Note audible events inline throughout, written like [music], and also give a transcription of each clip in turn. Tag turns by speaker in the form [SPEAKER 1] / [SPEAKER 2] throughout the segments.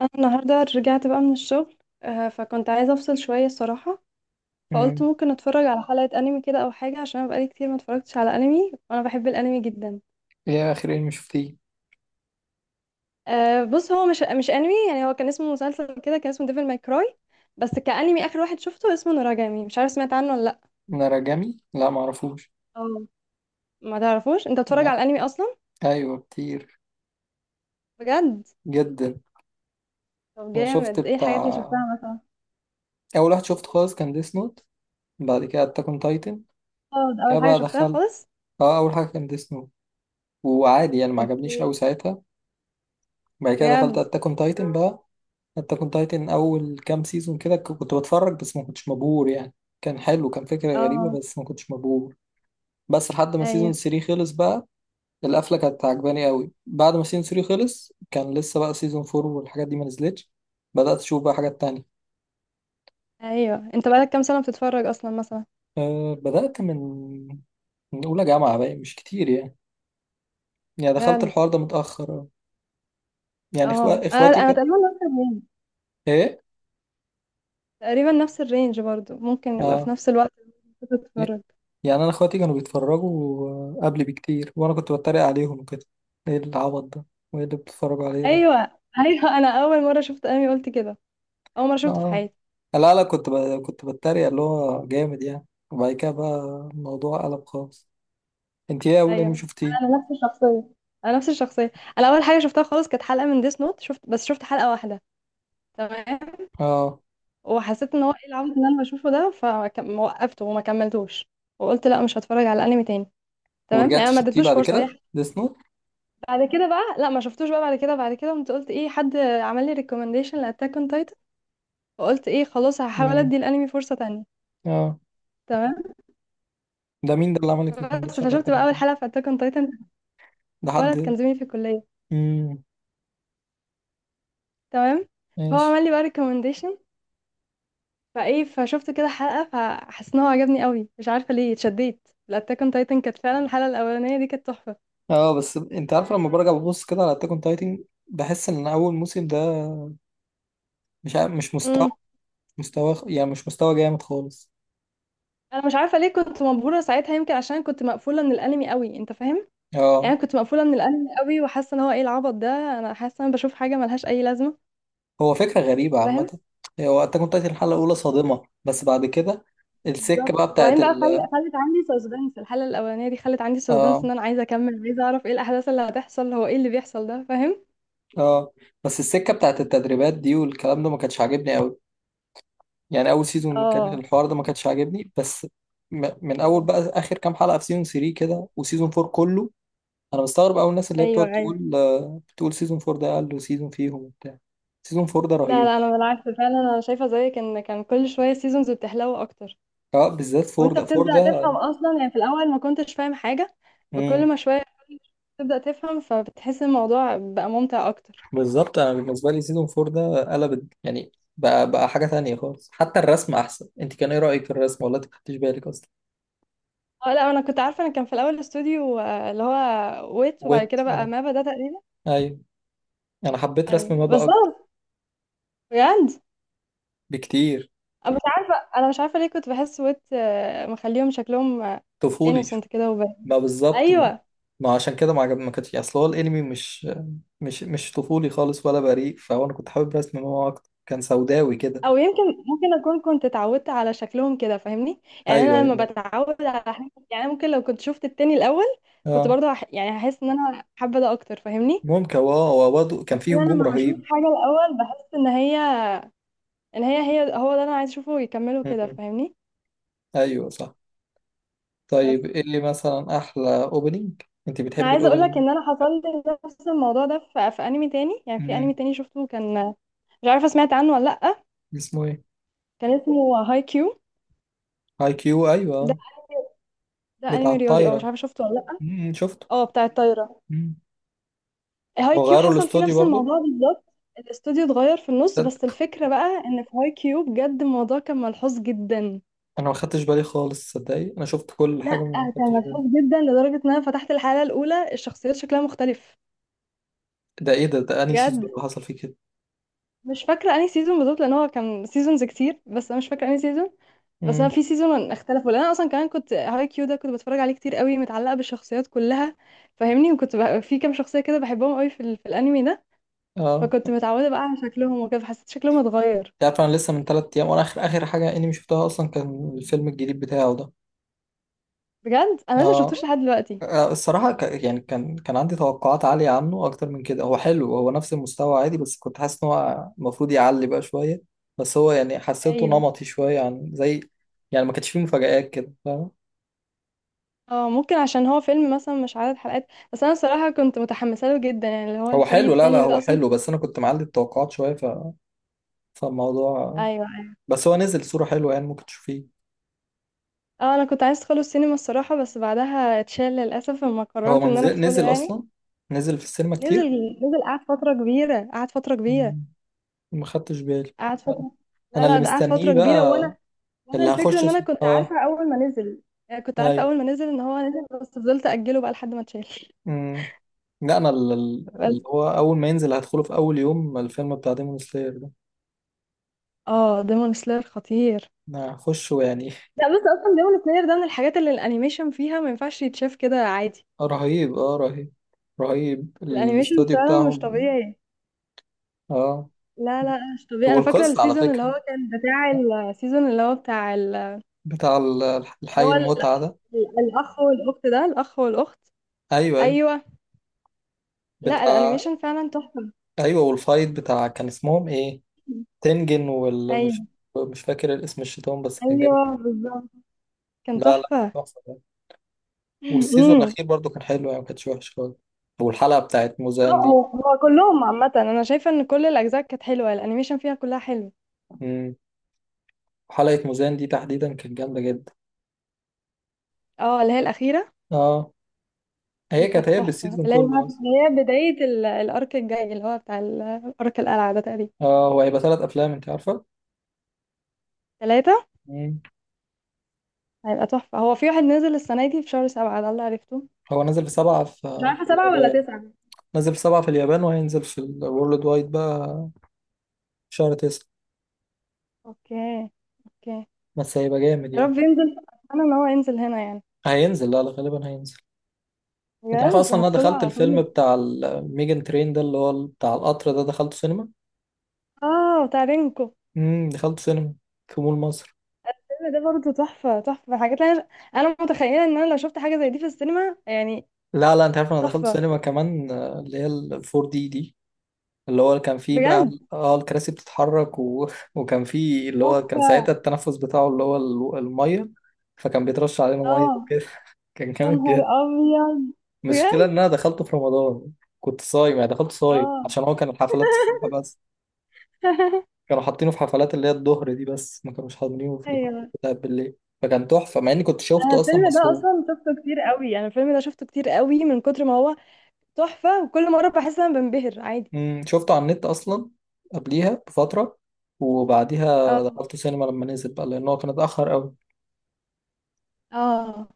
[SPEAKER 1] انا النهارده رجعت بقى من الشغل. فكنت عايزه افصل شويه الصراحه. فقلت
[SPEAKER 2] مم.
[SPEAKER 1] ممكن اتفرج على حلقه انمي كده او حاجه عشان انا بقالي كتير ما اتفرجتش على انمي وانا بحب الانمي جدا.
[SPEAKER 2] ايه اخر انمي شفتيه؟
[SPEAKER 1] بص، هو مش انمي يعني، هو كان اسمه مسلسل كده، كان اسمه ديفل ماي كراي. بس كانمي اخر واحد شفته اسمه نوراجامي، مش عارف سمعت عنه ولا لا؟
[SPEAKER 2] ناراجامي، لا معرفوش.
[SPEAKER 1] اه. ما تعرفوش انت بتتفرج
[SPEAKER 2] لا،
[SPEAKER 1] على الانمي اصلا؟
[SPEAKER 2] ايوه كتير
[SPEAKER 1] بجد؟
[SPEAKER 2] جدا.
[SPEAKER 1] طب
[SPEAKER 2] انا شفت
[SPEAKER 1] جامد، ايه الحاجات اللي
[SPEAKER 2] بتاع
[SPEAKER 1] شفتها مثلا؟
[SPEAKER 2] اول واحد شفته خالص كان ديس نوت. بعد كده اتاك اون تايتن،
[SPEAKER 1] اه، ده
[SPEAKER 2] كده
[SPEAKER 1] اول حاجه
[SPEAKER 2] بقى
[SPEAKER 1] شفتها
[SPEAKER 2] دخلت.
[SPEAKER 1] خالص.
[SPEAKER 2] اه، اول حاجه كان ديس نوت، وعادي يعني ما عجبنيش
[SPEAKER 1] اوكي.
[SPEAKER 2] قوي ساعتها. بعد كده دخلت
[SPEAKER 1] بجد؟
[SPEAKER 2] اتاك اون تايتن بقى. اتاك اون تايتن اول كام سيزون كده كنت بتفرج بس ما كنتش مبهور يعني. كان حلو، كان فكره
[SPEAKER 1] اه،
[SPEAKER 2] غريبه بس ما كنتش مبهور، بس لحد ما سيزون
[SPEAKER 1] ايوه
[SPEAKER 2] 3 خلص بقى. القفله كانت عجباني قوي. بعد ما سيزون 3 خلص كان لسه بقى سيزون 4 والحاجات دي ما نزلتش، بدات اشوف بقى حاجات تانية.
[SPEAKER 1] ايوه، انت بقالك كام سنه بتتفرج اصلا مثلا؟
[SPEAKER 2] بدات من من اولى جامعه بقى، مش كتير يعني. يعني دخلت
[SPEAKER 1] بجد؟
[SPEAKER 2] الحوار ده متاخر أوي. يعني
[SPEAKER 1] اه، انا
[SPEAKER 2] اخواتي
[SPEAKER 1] انا
[SPEAKER 2] كان.
[SPEAKER 1] تقريبا نفس الرينج.
[SPEAKER 2] ايه؟
[SPEAKER 1] تقريبا نفس الرينج برضو، ممكن نبقى في
[SPEAKER 2] اه،
[SPEAKER 1] نفس الوقت.
[SPEAKER 2] ي-
[SPEAKER 1] بتتفرج؟
[SPEAKER 2] يعني انا اخواتي كانوا بيتفرجوا قبلي بكتير وانا كنت بتريق عليهم كده. ايه العبط ده؟ وايه اللي بتتفرجوا عليه ده؟
[SPEAKER 1] ايوه ايوه، [laughs] انا اول مره شفت انمي قلت كده. اول مره شفته في
[SPEAKER 2] اه،
[SPEAKER 1] حياتي.
[SPEAKER 2] لا لا، كنت بتريق اللي هو جامد يعني. وبعد كده بقى الموضوع قلب خالص. انت ايه اول انمي
[SPEAKER 1] ايوه،
[SPEAKER 2] شفتيه؟
[SPEAKER 1] انا نفس الشخصيه. انا نفس الشخصيه. انا اول حاجه شفتها خالص كانت حلقه من ديس نوت، شفت بس شفت حلقه واحده. تمام.
[SPEAKER 2] اه،
[SPEAKER 1] وحسيت ان هو ايه العبط اللي انا بشوفه ده. فوقفته وما كملتوش. وقلت لا، مش هتفرج على انمي تاني. تمام،
[SPEAKER 2] ورجعت
[SPEAKER 1] يعني ما
[SPEAKER 2] شفتيه
[SPEAKER 1] اديتلوش
[SPEAKER 2] بعد
[SPEAKER 1] فرصه هي.
[SPEAKER 2] كده ديس نوت؟
[SPEAKER 1] بعد كده بقى لا، ما شفتوش بقى، بعد كده بعد كده قمت قلت ايه، حد عمل لي ريكومنديشن لاتاك اون. فقلت ايه، خلاص هحاول
[SPEAKER 2] امم.
[SPEAKER 1] ادي الانمي فرصه تانية.
[SPEAKER 2] اه،
[SPEAKER 1] تمام.
[SPEAKER 2] ده مين ده اللي عمل لك
[SPEAKER 1] بس
[SPEAKER 2] ريكومنديشن على
[SPEAKER 1] فشفت بقى
[SPEAKER 2] التاكون؟
[SPEAKER 1] اول حلقه في اتاك اون تايتن.
[SPEAKER 2] ده حد؟
[SPEAKER 1] ولد كان زميلي في الكليه.
[SPEAKER 2] امم،
[SPEAKER 1] تمام. فهو
[SPEAKER 2] ماشي.
[SPEAKER 1] عمل لي بقى ريكومنديشن. فايه، فشفت كده حلقه، فحسيت ان هو عجبني قوي، مش عارفه ليه اتشديت الاتاك اون تايتن. كانت فعلا الحلقه الاولانيه دي كانت تحفه.
[SPEAKER 2] اه، بس انت عارف لما برجع ببص كده على اتاك اون تايتن بحس ان اول موسم ده مش مستوى،
[SPEAKER 1] امم
[SPEAKER 2] مش مستوى يعني، مش مستوى جامد خالص.
[SPEAKER 1] انا مش عارفه ليه كنت مبهوره ساعتها، يمكن عشان كنت مقفوله من الانمي قوي، انت فاهم.
[SPEAKER 2] اه،
[SPEAKER 1] يعني كنت مقفوله من الانمي قوي وحاسه ان هو ايه العبط ده. انا حاسه ان انا بشوف حاجه ملهاش اي لازمه.
[SPEAKER 2] هو فكره غريبه
[SPEAKER 1] فاهم.
[SPEAKER 2] عامه. هو اتاك اون تايتن الحلقه الاولى صادمه، بس بعد كده السكه
[SPEAKER 1] بالظبط،
[SPEAKER 2] بقى بتاعت
[SPEAKER 1] وبعدين بقى
[SPEAKER 2] ال...
[SPEAKER 1] خلت عندي سسبنس. الحلقة الأولانية دي خلت عندي سسبنس،
[SPEAKER 2] اه.
[SPEAKER 1] إن أنا عايزة أكمل، عايزة أعرف إيه الأحداث اللي هتحصل، هو إيه اللي بيحصل ده، فاهم.
[SPEAKER 2] اه، بس السكه بتاعت التدريبات دي والكلام ده ما كانتش عاجبني قوي. يعني اول سيزون كان
[SPEAKER 1] اه،
[SPEAKER 2] الحوار ده ما كانش عاجبني بس. من اول بقى اخر كام حلقه في سيزون 3 كده وسيزون 4 كله. انا بستغرب اول الناس اللي هي
[SPEAKER 1] أيوه
[SPEAKER 2] بتقعد
[SPEAKER 1] أيوه.
[SPEAKER 2] تقول بتقول سيزون 4 ده اقل سيزون فيهم وبتاع. سيزون 4 ده
[SPEAKER 1] لا
[SPEAKER 2] رهيب.
[SPEAKER 1] لا، أنا بالعكس فعلا، أنا شايفة زيك إن كان كل شوية سيزونز بتحلو أكتر.
[SPEAKER 2] اه، بالذات
[SPEAKER 1] وأنت
[SPEAKER 2] 4 ده،
[SPEAKER 1] بتبدأ
[SPEAKER 2] 4 ده.
[SPEAKER 1] تفهم أصلا، يعني في الأول ما كنتش فاهم حاجة. كل
[SPEAKER 2] مم.
[SPEAKER 1] ما شوية تبدأ تفهم، فبتحس الموضوع بقى ممتع أكتر.
[SPEAKER 2] بالظبط، انا بالنسبه لي سيزون 4 ده قلب يعني، بقى حاجه تانية خالص. حتى الرسم احسن، انت كان ايه رايك في الرسم ولا انت ما خدتش بالك اصلا؟
[SPEAKER 1] اه لا، أنا كنت عارفة، أنا كان في الأول استوديو اللي هو ويت، وبعد
[SPEAKER 2] ويت،
[SPEAKER 1] كده بقى
[SPEAKER 2] اه.
[SPEAKER 1] مابا ده تقريبا.
[SPEAKER 2] ايوه. انا حبيت رسم
[SPEAKER 1] أيوه
[SPEAKER 2] مابا اكتر
[SPEAKER 1] بالظبط. بجد.
[SPEAKER 2] بكتير.
[SPEAKER 1] أنا مش عارفة، أنا مش عارفة ليه كنت بحس ويت مخليهم شكلهم
[SPEAKER 2] طفولي.
[SPEAKER 1] انوسنت كده وباهي.
[SPEAKER 2] ما بالظبط، ما
[SPEAKER 1] أيوة.
[SPEAKER 2] ما عشان كده ما عجبني، ما كانتش. اصل هو الانمي مش طفولي خالص ولا بريء، فهو انا كنت حابب رسم هو اكتر، كان سوداوي كده.
[SPEAKER 1] أو يمكن ممكن أكون كنت اتعودت على شكلهم كده فاهمني، يعني
[SPEAKER 2] ايوه،
[SPEAKER 1] أنا لما
[SPEAKER 2] ايوه.
[SPEAKER 1] بتعود على حاجة، يعني أنا ممكن لو كنت شفت التاني الأول كنت
[SPEAKER 2] اه.
[SPEAKER 1] برضه يعني هحس إن أنا حابة ده أكتر، فاهمني.
[SPEAKER 2] ممكن. واو، برضه كان
[SPEAKER 1] بس
[SPEAKER 2] فيه
[SPEAKER 1] أنا
[SPEAKER 2] هجوم
[SPEAKER 1] لما بشوف
[SPEAKER 2] رهيب.
[SPEAKER 1] حاجة الأول بحس إن هي. إن هي هو ده أنا عايز أشوفه يكمله كده،
[SPEAKER 2] م.
[SPEAKER 1] فاهمني.
[SPEAKER 2] ايوه، صح.
[SPEAKER 1] بس
[SPEAKER 2] طيب ايه اللي مثلا احلى اوبننج؟ انت
[SPEAKER 1] أنا
[SPEAKER 2] بتحبي
[SPEAKER 1] عايزة أقول لك
[SPEAKER 2] الاوبننج؟
[SPEAKER 1] إن أنا حصل لي نفس الموضوع ده في أنمي تاني. يعني في
[SPEAKER 2] م.
[SPEAKER 1] أنمي تاني شفته كان، مش عارفة سمعت عنه ولا لأ.
[SPEAKER 2] اسمه ايه؟
[SPEAKER 1] كان اسمه هاي كيو.
[SPEAKER 2] هاي كيو؟
[SPEAKER 1] ده
[SPEAKER 2] ايوه،
[SPEAKER 1] ده
[SPEAKER 2] بتاع
[SPEAKER 1] انمي رياضي، اه مش
[SPEAKER 2] الطايره.
[SPEAKER 1] عارفه شفته ولا لا.
[SPEAKER 2] م، شفته.
[SPEAKER 1] اه، بتاع الطايره.
[SPEAKER 2] م.
[SPEAKER 1] هاي
[SPEAKER 2] هو
[SPEAKER 1] كيو
[SPEAKER 2] غيروا
[SPEAKER 1] حصل فيه
[SPEAKER 2] الاستوديو
[SPEAKER 1] نفس
[SPEAKER 2] برضه؟
[SPEAKER 1] الموضوع بالظبط. الاستوديو اتغير في النص، بس
[SPEAKER 2] تصدق؟
[SPEAKER 1] الفكره بقى ان في هاي كيو بجد الموضوع كان ملحوظ جدا.
[SPEAKER 2] انا ما خدتش بالي خالص، صدقني انا شفت كل
[SPEAKER 1] لا،
[SPEAKER 2] حاجه ما
[SPEAKER 1] كان
[SPEAKER 2] خدتش بالي.
[SPEAKER 1] ملحوظ جدا لدرجه ان انا فتحت الحلقه الاولى الشخصيات شكلها مختلف.
[SPEAKER 2] ده ايه ده انهي سيزون
[SPEAKER 1] بجد.
[SPEAKER 2] اللي حصل فيه كده؟
[SPEAKER 1] مش فاكرة انهي سيزون بالظبط، لان هو كان سيزونز كتير، بس انا مش فاكرة انهي سيزون. بس انا
[SPEAKER 2] امم.
[SPEAKER 1] في سيزون اختلفوا، لان انا اصلا كمان كنت هاي كيو ده كنت بتفرج عليه كتير قوي، متعلقة بالشخصيات كلها، فاهمني. وكنت بقى في كام شخصية كده بحبهم قوي في الانمي ده.
[SPEAKER 2] اه.
[SPEAKER 1] فكنت متعودة بقى على شكلهم وكده، فحسيت شكلهم اتغير.
[SPEAKER 2] انت عارف انا لسه من 3 ايام وانا اخر اخر حاجه انمي شفتها اصلا كان الفيلم الجديد بتاعه ده.
[SPEAKER 1] بجد، انا لسه شفتوش
[SPEAKER 2] اه.
[SPEAKER 1] لحد دلوقتي.
[SPEAKER 2] الصراحه يعني كان عندي توقعات عاليه عنه اكتر من كده. هو حلو، هو نفس المستوى عادي، بس كنت حاسس ان هو المفروض يعلي بقى شويه. بس هو يعني حسيته
[SPEAKER 1] ايوه.
[SPEAKER 2] نمطي شويه عن زي، يعني ما كانش فيه مفاجآت كده، فاهم؟
[SPEAKER 1] اه ممكن عشان هو فيلم مثلا، مش عدد حلقات. بس انا الصراحة كنت متحمسة له جدا، يعني اللي هو
[SPEAKER 2] هو
[SPEAKER 1] الفريق
[SPEAKER 2] حلو، لا لا
[SPEAKER 1] التاني ده
[SPEAKER 2] هو
[SPEAKER 1] اصلا
[SPEAKER 2] حلو،
[SPEAKER 1] كنت.
[SPEAKER 2] بس انا كنت معلي التوقعات شويه فالموضوع.
[SPEAKER 1] ايوه ايوه.
[SPEAKER 2] بس هو نزل صوره حلوه، يعني ممكن تشوفيه.
[SPEAKER 1] اه، انا كنت عايز ادخله السينما الصراحة، بس بعدها اتشال للاسف لما
[SPEAKER 2] هو
[SPEAKER 1] قررت ان انا
[SPEAKER 2] منزل،
[SPEAKER 1] ادخله
[SPEAKER 2] نزل
[SPEAKER 1] يعني.
[SPEAKER 2] اصلا، نزل في السينما كتير.
[SPEAKER 1] نزل نزل، قعد فترة كبيرة، قعد فترة كبيرة.
[SPEAKER 2] مم. ما خدتش بالي.
[SPEAKER 1] قعد
[SPEAKER 2] انا،
[SPEAKER 1] فترة. لا
[SPEAKER 2] أنا
[SPEAKER 1] لا،
[SPEAKER 2] اللي
[SPEAKER 1] ده قعد فترة
[SPEAKER 2] مستنيه
[SPEAKER 1] كبيرة
[SPEAKER 2] بقى،
[SPEAKER 1] وانا. وانا الفكرة ان انا كنت
[SPEAKER 2] اه.
[SPEAKER 1] عارفة اول ما نزل. يعني كنت
[SPEAKER 2] اي.
[SPEAKER 1] عارفة اول ما نزل ان هو نزل، بس فضلت اجله بقى لحد ما اتشال.
[SPEAKER 2] امم. لا، انا اللي
[SPEAKER 1] بس.
[SPEAKER 2] هو اول ما ينزل هدخله في اول يوم، الفيلم بتاع ديمون سلاير ده.
[SPEAKER 1] اه، ديمون سلاير خطير.
[SPEAKER 2] انا هخشه يعني.
[SPEAKER 1] لا بس اصلا ديمون سلاير ده من الحاجات اللي الانيميشن فيها ما ينفعش يتشاف كده عادي.
[SPEAKER 2] [laughs] رهيب، اه رهيب. رهيب،
[SPEAKER 1] الانيميشن
[SPEAKER 2] الاستوديو
[SPEAKER 1] فعلا مش
[SPEAKER 2] بتاعهم.
[SPEAKER 1] طبيعي.
[SPEAKER 2] اه.
[SPEAKER 1] لا لا، مش طبيعي. انا فاكرة
[SPEAKER 2] والقصة على
[SPEAKER 1] السيزون اللي
[SPEAKER 2] فكرة،
[SPEAKER 1] هو كان بتاع. السيزون اللي هو بتاع
[SPEAKER 2] بتاع
[SPEAKER 1] اللي
[SPEAKER 2] الحي
[SPEAKER 1] هو
[SPEAKER 2] المتعة ده.
[SPEAKER 1] الاخ والاخت ده الاخ والاخت.
[SPEAKER 2] ايوه، ايوه.
[SPEAKER 1] ايوه. لا،
[SPEAKER 2] بتاع.
[SPEAKER 1] الانيميشن فعلا تحفه.
[SPEAKER 2] ايوه، والفايت بتاع كان اسمهم ايه؟ تنجن ولا مش؟
[SPEAKER 1] ايوه
[SPEAKER 2] مش فاكر الاسم، الشيطان بس كان جامد.
[SPEAKER 1] ايوه بالظبط. كان
[SPEAKER 2] لا لا،
[SPEAKER 1] تحفه.
[SPEAKER 2] كان تحفة يعني.
[SPEAKER 1] [laughs]
[SPEAKER 2] والسيزون
[SPEAKER 1] امم.
[SPEAKER 2] الأخير برضو كان حلو، يعني ما كانش وحش خالص. والحلقة بتاعت موزان
[SPEAKER 1] اه،
[SPEAKER 2] دي.
[SPEAKER 1] هو كلهم عامه انا شايفه ان كل الاجزاء كانت حلوه الانيميشن فيها كلها حلو.
[SPEAKER 2] مم. حلقة موزان دي تحديدا كانت جامدة جدا.
[SPEAKER 1] اه، اللي هي الاخيره.
[SPEAKER 2] اه. هي
[SPEAKER 1] دي كانت
[SPEAKER 2] كانت هي
[SPEAKER 1] تحفه،
[SPEAKER 2] بالسيزون كله أصلا.
[SPEAKER 1] اللي هي بدايه الارك الجاي اللي هو بتاع ارك القلعه ده تقريبا.
[SPEAKER 2] اه. هو هيبقى ثلاث أفلام، أنت عارفة؟
[SPEAKER 1] ثلاثه.
[SPEAKER 2] مم.
[SPEAKER 1] هيبقى تحفه، هو في واحد نزل السنه دي في شهر سبعه ده اللي عرفته.
[SPEAKER 2] هو نازل في 7
[SPEAKER 1] مش عارفة
[SPEAKER 2] في
[SPEAKER 1] سبعة ولا
[SPEAKER 2] اليابان.
[SPEAKER 1] تسعة.
[SPEAKER 2] نازل في سبعة في اليابان، وهينزل في الورلد وايد بقى في شهر 9.
[SPEAKER 1] اوكي اوكي.
[SPEAKER 2] بس هيبقى جامد
[SPEAKER 1] يا
[SPEAKER 2] يعني.
[SPEAKER 1] رب ينزل. انا ان هو ينزل هنا يعني.
[SPEAKER 2] هينزل، لا لا غالبا هينزل. انت عارف
[SPEAKER 1] بجد
[SPEAKER 2] اصلا انا
[SPEAKER 1] هدخله
[SPEAKER 2] دخلت
[SPEAKER 1] على طول.
[SPEAKER 2] الفيلم بتاع الميجن ترين ده اللي هو بتاع القطر ده، دخلته سينما.
[SPEAKER 1] اه بتاع رينكو.
[SPEAKER 2] امم، دخلته سينما في مول مصر.
[SPEAKER 1] ده برضه تحفة، تحفة حاجات انا. انا متخيلة ان انا لو شفت حاجة زي دي في السينما يعني.
[SPEAKER 2] لا لا، انت عارف انا دخلت
[SPEAKER 1] تحفة.
[SPEAKER 2] سينما كمان اللي هي ال 4 دي دي، اللي هو كان فيه بقى.
[SPEAKER 1] بجد.
[SPEAKER 2] اه، الكراسي بتتحرك و [laughs] وكان فيه اللي هو كان
[SPEAKER 1] تحفة.
[SPEAKER 2] ساعتها التنفس بتاعه اللي هو الميه، فكان بيترش علينا ميه
[SPEAKER 1] اه،
[SPEAKER 2] وكده. [laughs] كان
[SPEAKER 1] يا
[SPEAKER 2] جامد
[SPEAKER 1] نهار
[SPEAKER 2] جدا.
[SPEAKER 1] ابيض.
[SPEAKER 2] المشكله ان
[SPEAKER 1] بجد.
[SPEAKER 2] انا دخلته في رمضان، كنت صايم يعني. دخلت صايم
[SPEAKER 1] اه.
[SPEAKER 2] عشان هو كان الحفلات الصبح بس،
[SPEAKER 1] [laughs]
[SPEAKER 2] كانوا حاطينه في حفلات اللي هي الظهر دي بس، ما كانوش حاطينه في الحفلات
[SPEAKER 1] ايوه.
[SPEAKER 2] بتاعت بالليل. فكان تحفة مع اني كنت
[SPEAKER 1] انا
[SPEAKER 2] شفته اصلا
[SPEAKER 1] الفيلم ده
[SPEAKER 2] مسروق.
[SPEAKER 1] اصلا شفته كتير قوي، انا الفيلم ده شفته كتير قوي من كتر ما هو تحفة. وكل مرة بحس ان انا بنبهر عادي.
[SPEAKER 2] امم، شفته على النت اصلا قبليها بفترة، وبعديها
[SPEAKER 1] اه.
[SPEAKER 2] دخلته سينما لما نزل بقى، لان هو كان اتأخر قوي.
[SPEAKER 1] اه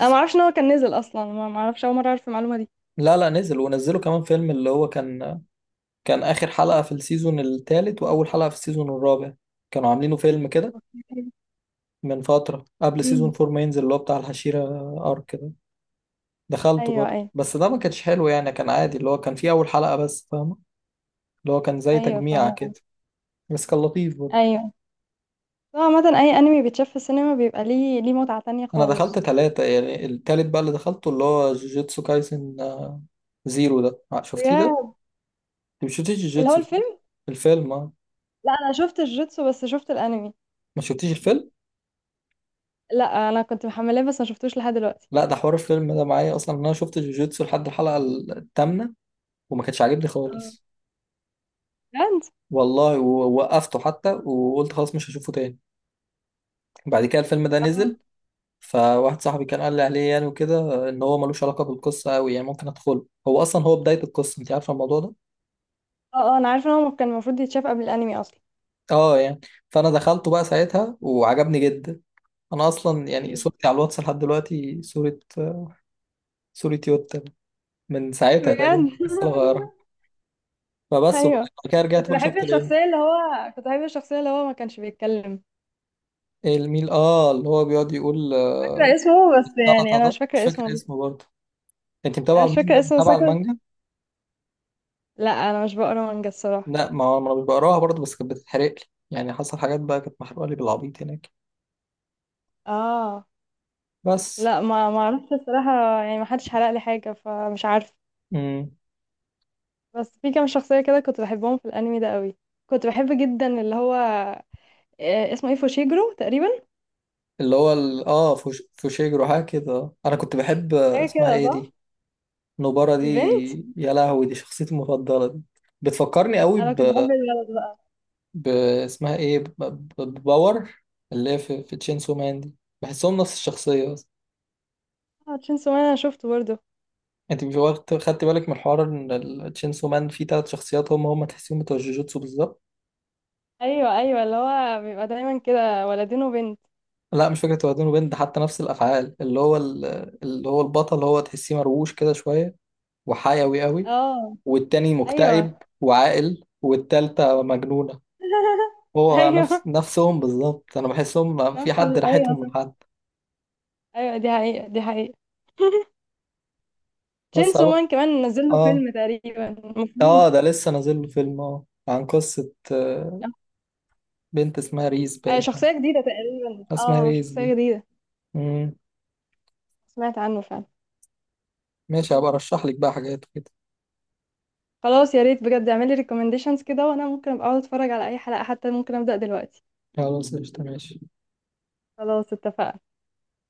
[SPEAKER 1] انا ما اعرفش ان هو كان نزل اصلا، ما اعرفش، اول مرة اعرف المعلومة دي.
[SPEAKER 2] لا لا، نزل، ونزلوا كمان فيلم اللي هو كان كان آخر حلقة في السيزون الثالث وأول حلقة في السيزون الرابع، كانوا عاملينه فيلم كده
[SPEAKER 1] اوكي.
[SPEAKER 2] من فترة قبل سيزون
[SPEAKER 1] امم.
[SPEAKER 2] فور ما ينزل، اللي هو بتاع الحشيرة أرك كده. دخلته
[SPEAKER 1] ايوه
[SPEAKER 2] برضه،
[SPEAKER 1] ايوه.
[SPEAKER 2] بس ده ما كانش حلو يعني، كان عادي. اللي هو كان فيه أول حلقة بس، فاهم؟ اللي هو كان زي
[SPEAKER 1] ايوه
[SPEAKER 2] تجميع
[SPEAKER 1] فاهمة.
[SPEAKER 2] كده، بس كان لطيف برضه.
[SPEAKER 1] ايوه، هو عامة أي أنمي بيتشاف في السينما بيبقى ليه متعة تانية
[SPEAKER 2] انا دخلت
[SPEAKER 1] خالص.
[SPEAKER 2] ثلاثة يعني، التالت بقى اللي دخلته اللي هو جوجيتسو كايسن، زيرو ده، شفتيه ده؟ انت
[SPEAKER 1] بجد.
[SPEAKER 2] ما شفتيش
[SPEAKER 1] اللي هو
[SPEAKER 2] جوجيتسو، صح؟
[SPEAKER 1] الفيلم.
[SPEAKER 2] الفيلم، اه.
[SPEAKER 1] لا، أنا شفت الجوتسو بس، شفت الأنمي.
[SPEAKER 2] ما شفتيش الفيلم؟
[SPEAKER 1] لا أنا كنت محملاه بس ما شفتوش لحد دلوقتي.
[SPEAKER 2] لا، ده حوار الفيلم ده معايا اصلا. إن انا شفت جوجيتسو لحد الحلقة الثامنة وما كانش عاجبني
[SPEAKER 1] اه.
[SPEAKER 2] خالص،
[SPEAKER 1] بجد.
[SPEAKER 2] والله، ووقفته حتى وقلت خلاص مش هشوفه تاني. بعد كده الفيلم ده
[SPEAKER 1] اه
[SPEAKER 2] نزل، فواحد صاحبي كان قال لي عليه يعني وكده ان هو ملوش علاقة بالقصة قوي يعني ممكن ادخله، هو اصلا هو بداية القصة، انت عارفة الموضوع ده.
[SPEAKER 1] اه، أنا عارفة إن هو كان المفروض يتشاف قبل الأنمي أصلا.
[SPEAKER 2] اه يعني. فانا دخلته بقى ساعتها وعجبني جدا. انا اصلا يعني
[SPEAKER 1] ايوه.
[SPEAKER 2] صورتي على الواتس لحد دلوقتي صورة يوتا من ساعتها تقريبا
[SPEAKER 1] بجد.
[SPEAKER 2] لسه غيرها.
[SPEAKER 1] [laughs]
[SPEAKER 2] فبس. وبعد
[SPEAKER 1] أيوه.
[SPEAKER 2] كده
[SPEAKER 1] كنت
[SPEAKER 2] رجعت بقى
[SPEAKER 1] بحب
[SPEAKER 2] شفت العلم.
[SPEAKER 1] الشخصية، اللي هو كنت بحب الشخصية اللي هو ما كانش بيتكلم.
[SPEAKER 2] الميل، اه، اللي هو بيقعد يقول
[SPEAKER 1] فاكرة اسمه بس، يعني
[SPEAKER 2] السلطة
[SPEAKER 1] أنا مش
[SPEAKER 2] ده، مش
[SPEAKER 1] فاكرة اسمه
[SPEAKER 2] فاكر
[SPEAKER 1] بس.
[SPEAKER 2] اسمه برضه. انت
[SPEAKER 1] أنا
[SPEAKER 2] متابعة
[SPEAKER 1] مش
[SPEAKER 2] المانجا؟
[SPEAKER 1] فاكرة اسمه
[SPEAKER 2] متابعة
[SPEAKER 1] ساكر.
[SPEAKER 2] المانجا؟
[SPEAKER 1] لا، أنا مش بقرا مانجا الصراحة.
[SPEAKER 2] لا، ما هو انا مش بقراها برضه، بس كانت بتتحرق لي. يعني حصل حاجات بقى كانت محروقة لي بالعبيط هناك.
[SPEAKER 1] اه
[SPEAKER 2] بس.
[SPEAKER 1] لا، ما اعرفش الصراحه، يعني ما حدش حرق لي حاجه فمش عارف.
[SPEAKER 2] امم.
[SPEAKER 1] بس في كام شخصيه كده كنت بحبهم في الانمي ده قوي. كنت بحب جدا اللي هو اسمه ايه، فوشيجرو تقريبا.
[SPEAKER 2] اللي هو اه، فوشيجرو حاجة كده. انا كنت بحب
[SPEAKER 1] حاجه
[SPEAKER 2] اسمها
[SPEAKER 1] كده
[SPEAKER 2] ايه
[SPEAKER 1] صح.
[SPEAKER 2] دي، نبارة دي.
[SPEAKER 1] البنت.
[SPEAKER 2] يا لهوي، دي شخصيتي المفضلة دي، بتفكرني قوي
[SPEAKER 1] انا كنت بحب الولد بقى.
[SPEAKER 2] ب... اسمها ايه، بباور، اللي هي في تشينسو مان دي. بحسهم نفس الشخصية بس.
[SPEAKER 1] اه، تشينسو مان انا شفته برضه.
[SPEAKER 2] انت مش واخد خدت بالك من الحوار ان تشينسو مان فيه تلات شخصيات هم هم تحسيهم بتوع جوجوتسو بالظبط؟
[SPEAKER 1] ايوه ايوه، اللي هو بيبقى دايما كده ولدين وبنت.
[SPEAKER 2] لا، مش فكرة واد وبنت ده، حتى نفس الأفعال. اللي هو البطل، هو تحسيه مرووش كده شوية وحيوي قوي،
[SPEAKER 1] اه
[SPEAKER 2] والتاني مكتئب
[SPEAKER 1] ايوه
[SPEAKER 2] وعاقل، والتالتة مجنونة.
[SPEAKER 1] [laughs]
[SPEAKER 2] هو نفس
[SPEAKER 1] ايوه.
[SPEAKER 2] نفسهم بالظبط. انا بحسهم في حد
[SPEAKER 1] ايوه
[SPEAKER 2] راحتهم من
[SPEAKER 1] صح.
[SPEAKER 2] حد.
[SPEAKER 1] ايوه، دي حقيقه دي حقيقه.
[SPEAKER 2] بس
[SPEAKER 1] تشينسو
[SPEAKER 2] اروح.
[SPEAKER 1] مان كمان نزل له فيلم
[SPEAKER 2] اه.
[SPEAKER 1] تقريبا
[SPEAKER 2] اه
[SPEAKER 1] المفروض.
[SPEAKER 2] ده لسه نازل له فيلم، اه، عن قصة بنت اسمها ريز باين،
[SPEAKER 1] شخصية جديدة تقريبا،
[SPEAKER 2] اسمها
[SPEAKER 1] اه
[SPEAKER 2] ريز
[SPEAKER 1] شخصية
[SPEAKER 2] دي.
[SPEAKER 1] جديدة.
[SPEAKER 2] مم.
[SPEAKER 1] سمعت عنه فعلا.
[SPEAKER 2] ماشي، هبقى ارشح لك بقى حاجات كده.
[SPEAKER 1] خلاص، يا ريت بجد اعملي ريكومنديشنز كده، وانا ممكن ابقى اقعد اتفرج على اي حلقة، حتى ممكن ابدأ دلوقتي.
[SPEAKER 2] خلاص، قشطة ماشي.
[SPEAKER 1] خلاص اتفقنا.